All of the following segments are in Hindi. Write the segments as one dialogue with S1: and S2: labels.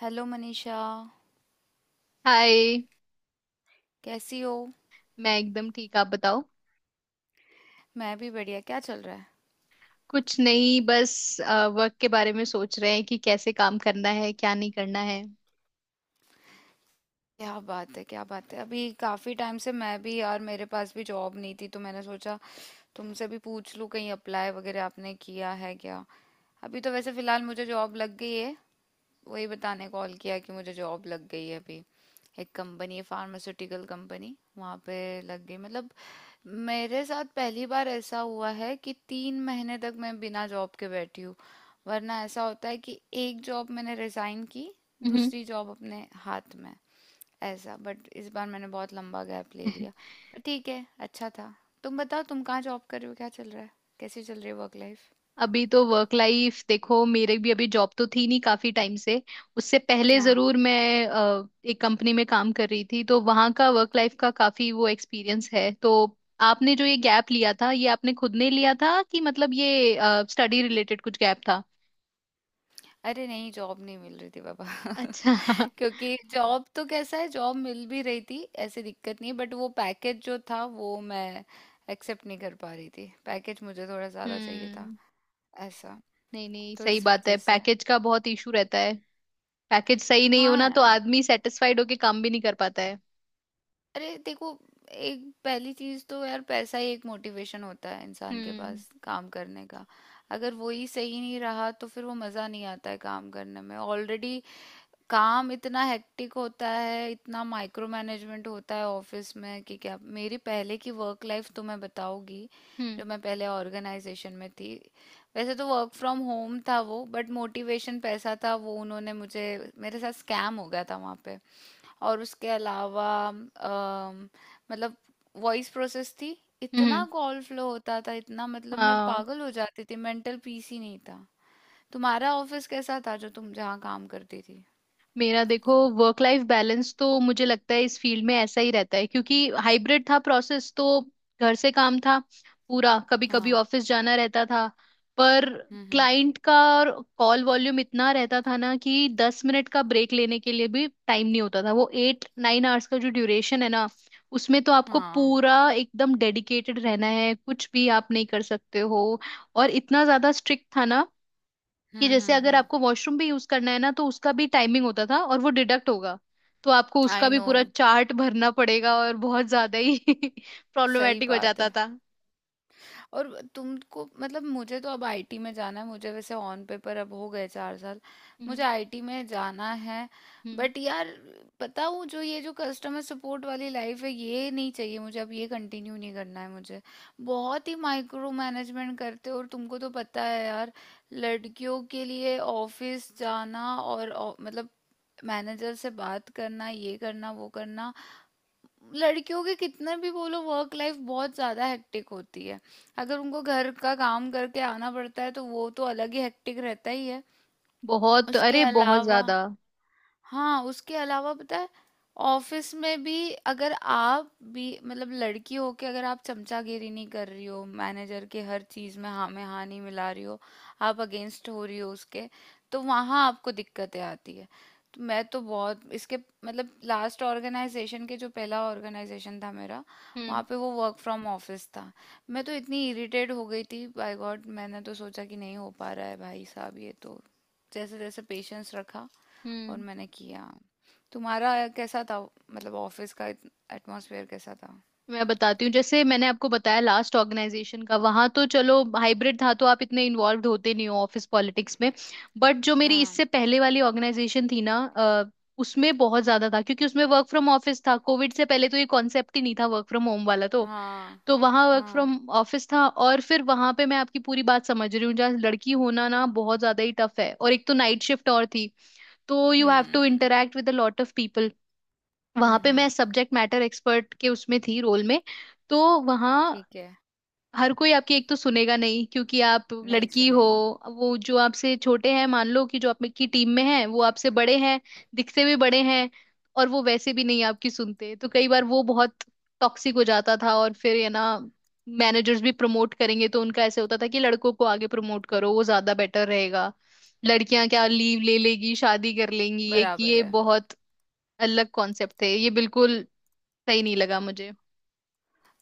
S1: Hello Manisha,
S2: hi.
S1: कैसी हो।
S2: मैं एकदम ठीक, आप बताओ।
S1: मैं भी बढ़िया, क्या चल रहा है।
S2: कुछ नहीं, बस वर्क के बारे में सोच रहे हैं कि कैसे काम करना है क्या नहीं करना है।
S1: क्या बात है, क्या बात है। अभी काफ़ी टाइम से मैं भी यार, मेरे पास भी जॉब नहीं थी, तो मैंने सोचा तुमसे भी पूछ लूँ, कहीं अप्लाई वगैरह आपने किया है क्या। अभी तो वैसे फ़िलहाल मुझे जॉब लग गई है। वही बताने कॉल किया कि मुझे जॉब लग गई है अभी। एक कंपनी है, फार्मास्यूटिकल कंपनी, वहाँ पे लग गई। मतलब मेरे साथ पहली बार ऐसा हुआ है कि 3 महीने तक मैं बिना जॉब के बैठी हूँ। वरना ऐसा होता है कि एक जॉब मैंने रिजाइन की,
S2: हम्म।
S1: दूसरी जॉब अपने हाथ में, ऐसा। बट इस बार मैंने बहुत लंबा गैप ले लिया। पर ठीक है, अच्छा था। तुम बताओ, तुम कहाँ जॉब कर रहे हो, क्या चल रहा है, कैसी चल रही है वर्क लाइफ।
S2: अभी तो वर्क लाइफ देखो, मेरे भी अभी जॉब तो थी नहीं काफी टाइम से। उससे पहले
S1: हाँ।
S2: जरूर मैं एक कंपनी में काम कर रही थी तो वहां का वर्क लाइफ का काफी वो एक्सपीरियंस है तो। आपने जो ये गैप लिया था ये आपने खुद ने लिया था कि मतलब ये स्टडी रिलेटेड कुछ गैप था?
S1: अरे नहीं, जॉब नहीं मिल रही थी बाबा।
S2: अच्छा।
S1: क्योंकि जॉब तो कैसा है, जॉब मिल भी रही थी, ऐसी दिक्कत नहीं, बट वो पैकेज जो था वो मैं एक्सेप्ट नहीं कर पा रही थी। पैकेज मुझे थोड़ा ज्यादा चाहिए था,
S2: हम्म।
S1: ऐसा।
S2: नहीं नहीं,
S1: तो
S2: सही
S1: इस
S2: बात है,
S1: वजह से।
S2: पैकेज का बहुत इशू रहता है। पैकेज सही नहीं हो
S1: हाँ
S2: ना तो
S1: यार।
S2: आदमी सेटिस्फाइड होके काम भी नहीं कर पाता है।
S1: अरे देखो, एक पहली चीज तो यार पैसा ही एक मोटिवेशन होता है इंसान के
S2: हम्म
S1: पास काम करने का। अगर वो ही सही नहीं रहा तो फिर वो मजा नहीं आता है काम करने में। ऑलरेडी काम इतना हेक्टिक होता है, इतना माइक्रो मैनेजमेंट होता है ऑफिस में कि क्या। मेरी पहले की वर्क लाइफ तो मैं बताऊंगी।
S2: हम्म
S1: जो मैं पहले ऑर्गेनाइजेशन में थी, वैसे तो वर्क फ्रॉम होम था वो, बट मोटिवेशन पैसा था वो। उन्होंने मुझे, मेरे साथ स्कैम हो गया था वहाँ पे। और उसके अलावा मतलब वॉइस प्रोसेस थी। इतना
S2: हम्म।
S1: कॉल फ्लो होता था, इतना, मतलब मैं
S2: हाँ।
S1: पागल हो जाती थी, मेंटल पीस ही नहीं था। तुम्हारा ऑफिस कैसा था, जो तुम जहाँ काम करती थी।
S2: मेरा देखो वर्क लाइफ बैलेंस तो मुझे लगता है इस फील्ड में ऐसा ही रहता है क्योंकि हाइब्रिड था प्रोसेस तो। घर से काम था पूरा, कभी कभी
S1: हाँ।
S2: ऑफिस जाना रहता था। पर
S1: हुँ, हुँ।
S2: क्लाइंट का कॉल वॉल्यूम इतना रहता था ना कि 10 मिनट का ब्रेक लेने के लिए भी टाइम नहीं होता था। वो 8-9 आवर्स का जो ड्यूरेशन है ना, उसमें तो आपको
S1: हाँ।
S2: पूरा एकदम डेडिकेटेड रहना है, कुछ भी आप नहीं कर सकते हो। और इतना ज्यादा स्ट्रिक्ट था ना कि
S1: हुँ,
S2: जैसे
S1: हुँ,
S2: अगर
S1: हुँ।
S2: आपको वॉशरूम भी यूज करना है ना तो उसका भी टाइमिंग होता था और वो डिडक्ट होगा, तो आपको उसका
S1: आई
S2: भी
S1: नो।
S2: पूरा चार्ट भरना पड़ेगा और बहुत ज्यादा ही
S1: सही
S2: प्रॉब्लमेटिक हो
S1: बात
S2: जाता
S1: है।
S2: था।
S1: और तुमको, मतलब मुझे तो अब IT में जाना है। मुझे वैसे ऑन पेपर अब हो गए 4 साल। मुझे
S2: हम्म
S1: आईटी में जाना है।
S2: हम्म।
S1: बट यार, पता हूँ जो ये जो कस्टमर सपोर्ट वाली लाइफ है, ये नहीं चाहिए मुझे। अब ये कंटिन्यू नहीं करना है मुझे। बहुत ही माइक्रो मैनेजमेंट करते हो और तुमको तो पता है यार, लड़कियों के लिए ऑफिस जाना और मतलब मैनेजर से बात करना, ये करना, वो करना। लड़कियों की कितना भी बोलो, वर्क लाइफ बहुत ज़्यादा हेक्टिक होती है। अगर उनको घर का काम करके आना पड़ता है तो वो तो अलग ही हेक्टिक रहता ही है।
S2: बहुत,
S1: उसके
S2: अरे बहुत
S1: अलावा,
S2: ज्यादा।
S1: हाँ, उसके अलावा पता है, ऑफिस में भी अगर आप भी मतलब लड़की हो के अगर आप चमचागिरी नहीं कर रही हो मैनेजर के, हर चीज में हाँ नहीं मिला रही हो, आप अगेंस्ट हो रही हो उसके, तो वहाँ आपको दिक्कतें आती है। तो मैं तो बहुत इसके, मतलब लास्ट ऑर्गेनाइजेशन के, जो पहला ऑर्गेनाइजेशन था मेरा,
S2: हम्म
S1: वहाँ पे वो वर्क फ्रॉम ऑफिस था। मैं तो इतनी इरिटेट हो गई थी बाय गॉड, मैंने तो सोचा कि नहीं हो पा रहा है भाई साहब ये तो। जैसे जैसे पेशेंस रखा और
S2: हम्म।
S1: मैंने किया। तुम्हारा कैसा था, मतलब ऑफिस का एटमॉस्फेयर कैसा था।
S2: मैं बताती हूँ, जैसे मैंने आपको बताया लास्ट ऑर्गेनाइजेशन का, वहां तो चलो हाइब्रिड था तो आप इतने इन्वॉल्व होते नहीं हो ऑफिस पॉलिटिक्स में। बट जो मेरी
S1: हाँ।
S2: इससे पहले वाली ऑर्गेनाइजेशन थी ना उसमें बहुत ज्यादा था क्योंकि उसमें वर्क फ्रॉम ऑफिस था। कोविड से पहले तो ये कॉन्सेप्ट ही नहीं था वर्क फ्रॉम होम वाला,
S1: हाँ।
S2: तो वहां वर्क
S1: हाँ।
S2: फ्रॉम ऑफिस था और फिर वहां पे मैं आपकी पूरी बात समझ रही हूँ, जहाँ लड़की होना ना बहुत ज्यादा ही टफ है, और एक तो नाइट शिफ्ट और थी तो you have to
S1: hmm.
S2: Interact with a lot of people.
S1: Hmm,
S2: वहां पे मैं
S1: हम्म।
S2: सब्जेक्ट मैटर एक्सपर्ट के उसमें थी रोल में, तो वहां
S1: ठीक है।
S2: हर कोई आपकी एक तो सुनेगा नहीं क्योंकि आप
S1: नहीं
S2: लड़की हो।
S1: सुनेगा।
S2: वो जो आपसे छोटे हैं, मान लो कि जो आपकी टीम में है वो आपसे बड़े हैं, दिखते भी बड़े हैं, और वो वैसे भी नहीं आपकी सुनते, तो कई बार वो बहुत टॉक्सिक हो जाता था। और फिर ये ना मैनेजर्स भी प्रमोट करेंगे तो उनका ऐसे होता था कि लड़कों को आगे प्रमोट करो वो ज्यादा बेटर रहेगा, लड़कियां क्या लीव ले लेगी शादी कर लेंगी, ये कि
S1: बराबर
S2: ये
S1: है।
S2: बहुत अलग कॉन्सेप्ट थे, ये बिल्कुल सही नहीं लगा मुझे।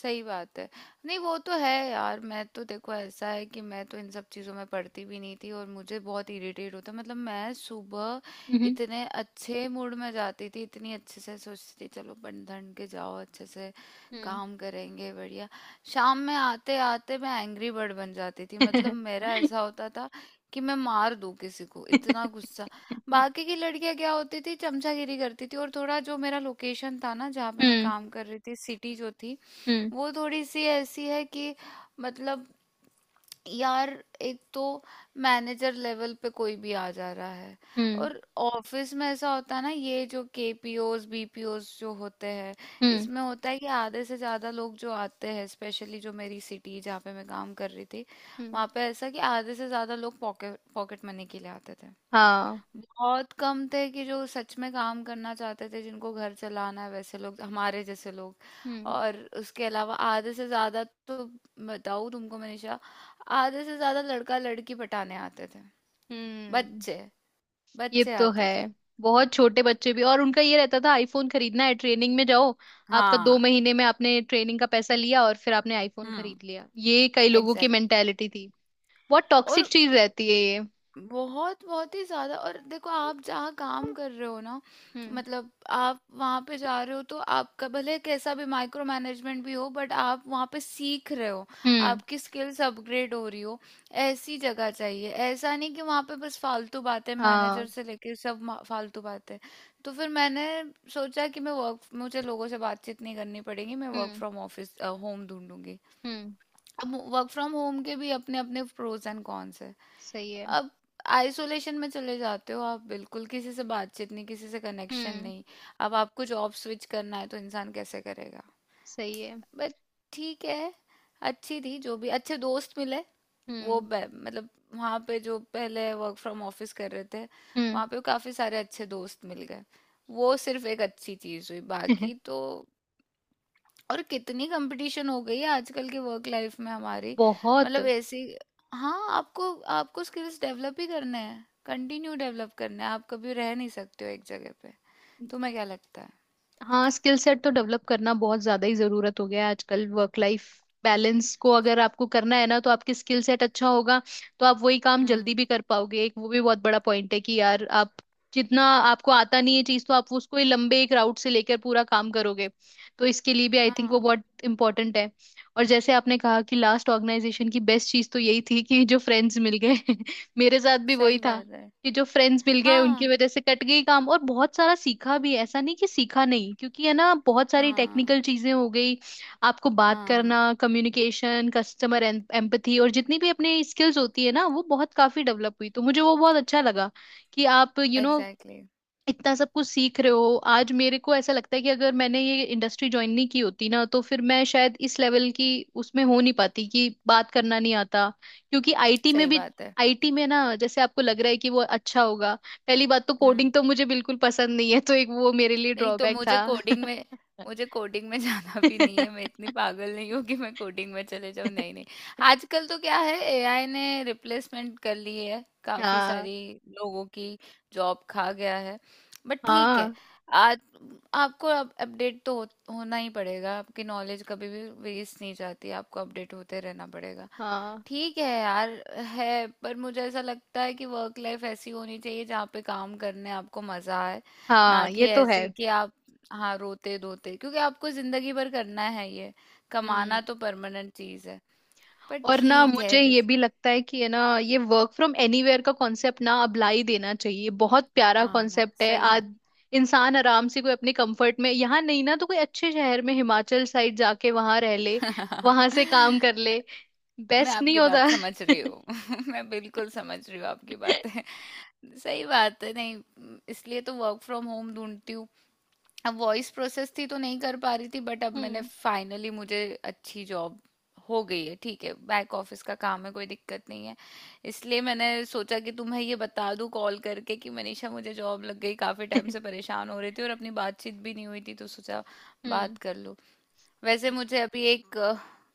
S1: सही बात है। नहीं वो तो है यार। मैं तो देखो ऐसा है कि मैं तो इन सब चीज़ों में पढ़ती भी नहीं थी, और मुझे बहुत इरिटेट होता। मतलब मैं सुबह
S2: हम्म
S1: इतने अच्छे मूड में जाती थी, इतनी अच्छे से सोचती थी, चलो बन ठन के जाओ, अच्छे से
S2: हम्म।
S1: काम करेंगे, बढ़िया। शाम में आते आते मैं एंग्री बर्ड बन जाती थी। मतलब मेरा ऐसा होता था कि मैं मार दूं किसी को, इतना गुस्सा। बाकी की लड़कियां क्या होती थी, चमचागिरी करती थी। और थोड़ा जो मेरा लोकेशन था ना जहाँ पे मैं
S2: हम्म
S1: काम कर रही थी, सिटी जो थी,
S2: हम्म
S1: वो थोड़ी सी ऐसी है कि, मतलब यार, एक तो मैनेजर लेवल पे कोई भी आ जा रहा है।
S2: हम्म
S1: और ऑफिस में ऐसा होता है ना, ये जो KPOs BPOs जो होते हैं,
S2: हम्म
S1: इसमें होता है कि आधे से ज़्यादा लोग जो आते हैं, स्पेशली जो मेरी सिटी जहाँ पे मैं काम कर रही थी,
S2: हम्म।
S1: वहाँ पे ऐसा कि आधे से ज़्यादा लोग पॉकेट पॉकेट मनी के लिए आते थे।
S2: हाँ।
S1: बहुत कम थे कि जो सच में काम करना चाहते थे, जिनको घर चलाना है, वैसे लोग, हमारे जैसे लोग।
S2: हम्म
S1: और उसके अलावा आधे से ज्यादा तो, बताऊँ तुमको मनीषा, आधे से ज्यादा लड़का लड़की पटाने आते थे।
S2: हम्म।
S1: बच्चे,
S2: ये
S1: बच्चे
S2: तो
S1: आते
S2: है,
S1: थे।
S2: बहुत छोटे बच्चे भी। और उनका ये रहता था आईफोन खरीदना है ट्रेनिंग में जाओ। आपका दो
S1: हाँ।
S2: महीने में आपने ट्रेनिंग का पैसा लिया और फिर आपने आईफोन
S1: हम्म।
S2: खरीद लिया, ये कई लोगों की
S1: एग्जैक्ट।
S2: मेंटेलिटी थी। बहुत
S1: और
S2: टॉक्सिक चीज रहती है ये।
S1: बहुत, बहुत ही ज़्यादा। और देखो, आप जहाँ काम कर रहे हो ना,
S2: हम्म
S1: मतलब आप वहाँ पे जा रहे हो, तो आपका भले कैसा भी माइक्रो मैनेजमेंट भी हो बट आप वहाँ पे सीख रहे हो,
S2: हम्म।
S1: आपकी स्किल्स अपग्रेड हो रही हो, ऐसी जगह चाहिए। ऐसा नहीं कि वहाँ पे बस फालतू बातें
S2: हाँ।
S1: मैनेजर से लेके सब फालतू बातें। तो फिर मैंने सोचा कि मैं वर्क, मुझे लोगों से बातचीत नहीं करनी पड़ेगी, मैं work
S2: hmm
S1: from office home ढूंढूंगी।
S2: हम्म।
S1: अब वर्क फ्रॉम होम के भी अपने अपने प्रोज एंड कॉन्स है।
S2: सही है।
S1: अब आइसोलेशन में चले जाते हो आप, बिल्कुल किसी से बातचीत नहीं, किसी से कनेक्शन
S2: हम्म।
S1: नहीं। अब आपको जॉब स्विच करना है तो इंसान कैसे करेगा।
S2: सही है।
S1: बट ठीक है, अच्छी थी, जो भी अच्छे दोस्त मिले।
S2: हम्म
S1: मतलब वहाँ पे जो पहले वर्क फ्रॉम ऑफिस कर रहे थे,
S2: हम्म।
S1: वहाँ पे काफ़ी सारे अच्छे दोस्त मिल गए। वो सिर्फ एक अच्छी चीज़ हुई, बाकी तो। और कितनी कंपटीशन हो गई है आजकल के वर्क लाइफ में हमारी,
S2: बहुत।
S1: मतलब ऐसी। हाँ, आपको, आपको स्किल्स डेवलप ही करने हैं, कंटिन्यू डेवलप करने हैं, आप कभी रह नहीं सकते हो एक जगह पे। तुम्हें क्या लगता है।
S2: हाँ स्किल सेट तो डेवलप करना बहुत ज्यादा ही जरूरत हो गया है आजकल। वर्क लाइफ बैलेंस को अगर आपको करना है ना तो आपकी स्किल सेट अच्छा होगा, तो आप वही काम जल्दी
S1: हम्म।
S2: भी कर पाओगे। एक वो भी बहुत बड़ा पॉइंट है कि यार आप जितना आपको आता नहीं है चीज, तो आप उसको ही लंबे एक राउट से लेकर पूरा काम करोगे, तो इसके लिए भी आई थिंक वो
S1: हाँ।
S2: बहुत इंपॉर्टेंट है। और जैसे आपने कहा कि लास्ट ऑर्गेनाइजेशन की बेस्ट चीज तो यही थी कि जो फ्रेंड्स मिल गए मेरे साथ भी वही
S1: सही
S2: था,
S1: बात है।
S2: कि जो फ्रेंड्स मिल गए उनकी
S1: हाँ।
S2: वजह से कट गई काम। और बहुत सारा सीखा भी, ऐसा नहीं कि सीखा नहीं, क्योंकि है ना बहुत सारी
S1: हाँ।
S2: टेक्निकल चीजें हो गई। आपको बात
S1: हाँ।
S2: करना, कम्युनिकेशन, कस्टमर एम्पथी, और जितनी भी अपनी स्किल्स होती है ना, वो बहुत काफी डेवलप हुई, तो मुझे वो बहुत अच्छा लगा कि आप you you know know,
S1: exactly exactly।
S2: इतना सब कुछ सीख रहे हो। आज मेरे को ऐसा लगता है कि अगर मैंने ये इंडस्ट्री ज्वाइन नहीं की होती ना तो फिर मैं शायद इस लेवल की उसमें हो नहीं पाती कि बात करना नहीं आता। क्योंकि आईटी में
S1: सही
S2: भी,
S1: बात है।
S2: आईटी में ना, जैसे आपको लग रहा है कि वो अच्छा होगा, पहली बात तो
S1: हम्म।
S2: कोडिंग तो मुझे बिल्कुल पसंद नहीं है तो एक वो मेरे लिए
S1: नहीं तो,
S2: ड्रॉबैक था।
S1: मुझे कोडिंग में, मुझे कोडिंग में जाना भी नहीं है। मैं इतनी पागल नहीं हूँ कि मैं कोडिंग में चले जाऊँ। नहीं, नहीं। आजकल तो क्या है, AI ने रिप्लेसमेंट कर ली है काफी
S2: हाँ
S1: सारी लोगों की। जॉब खा गया है। बट ठीक है।
S2: हाँ
S1: आज आपको अब होना ही पड़ेगा। आपकी नॉलेज कभी भी वेस्ट नहीं जाती, आपको अपडेट होते रहना पड़ेगा।
S2: हाँ
S1: ठीक है यार, है। पर मुझे ऐसा लगता है कि वर्क लाइफ ऐसी होनी चाहिए जहाँ पे काम करने आपको मजा आए, ना
S2: हाँ। ये
S1: कि
S2: तो है।
S1: ऐसे कि आप, हाँ, रोते धोते, क्योंकि आपको जिंदगी भर करना है ये,
S2: हम्म।
S1: कमाना तो परमानेंट चीज है। पर
S2: और ना
S1: ठीक है,
S2: मुझे ये
S1: जैसे,
S2: भी लगता है कि है ना, ये वर्क फ्रॉम एनीवेयर का कॉन्सेप्ट ना अब ला ही देना चाहिए। बहुत प्यारा
S1: आना
S2: कॉन्सेप्ट है।
S1: सही बात।
S2: आज इंसान आराम से कोई अपने कंफर्ट में, यहाँ नहीं ना तो कोई अच्छे शहर में हिमाचल साइड जाके वहां रह ले, वहां से काम कर ले,
S1: मैं
S2: बेस्ट नहीं
S1: आपकी बात
S2: होता?
S1: समझ रही हूँ। मैं बिल्कुल समझ रही हूँ आपकी बातें। सही बात है, नहीं। इसलिए तो वर्क फ्रॉम होम ढूंढती हूँ। अब वॉइस प्रोसेस थी तो नहीं कर पा रही थी, बट अब मैंने
S2: हम्म
S1: फाइनली, मुझे अच्छी जॉब हो गई है। ठीक है, बैक ऑफिस का काम है, कोई दिक्कत नहीं है। इसलिए मैंने सोचा कि तुम्हें ये बता दूं कॉल करके कि मनीषा, मुझे जॉब लग गई, काफी टाइम से परेशान हो रही थी और अपनी बातचीत भी नहीं हुई थी, तो सोचा
S2: हम्म
S1: बात कर लूं। वैसे मुझे अभी एक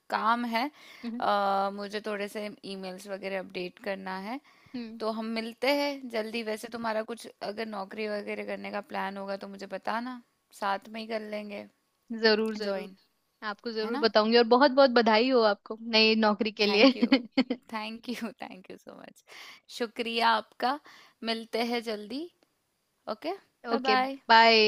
S1: काम है।
S2: हम्म
S1: मुझे थोड़े से ईमेल्स वगैरह अपडेट करना है।
S2: हम्म।
S1: तो हम मिलते हैं जल्दी। वैसे तुम्हारा कुछ अगर नौकरी वगैरह करने का प्लान होगा तो मुझे बताना, साथ में ही कर लेंगे
S2: जरूर जरूर,
S1: ज्वाइन।
S2: आपको
S1: है
S2: जरूर
S1: ना।
S2: बताऊंगी और बहुत बहुत बधाई हो आपको नई नौकरी के लिए।
S1: Thank you. Thank you, thank you so much. शुक्रिया आपका। मिलते हैं जल्दी। Okay. Bye
S2: okay.
S1: Bye.
S2: Bye.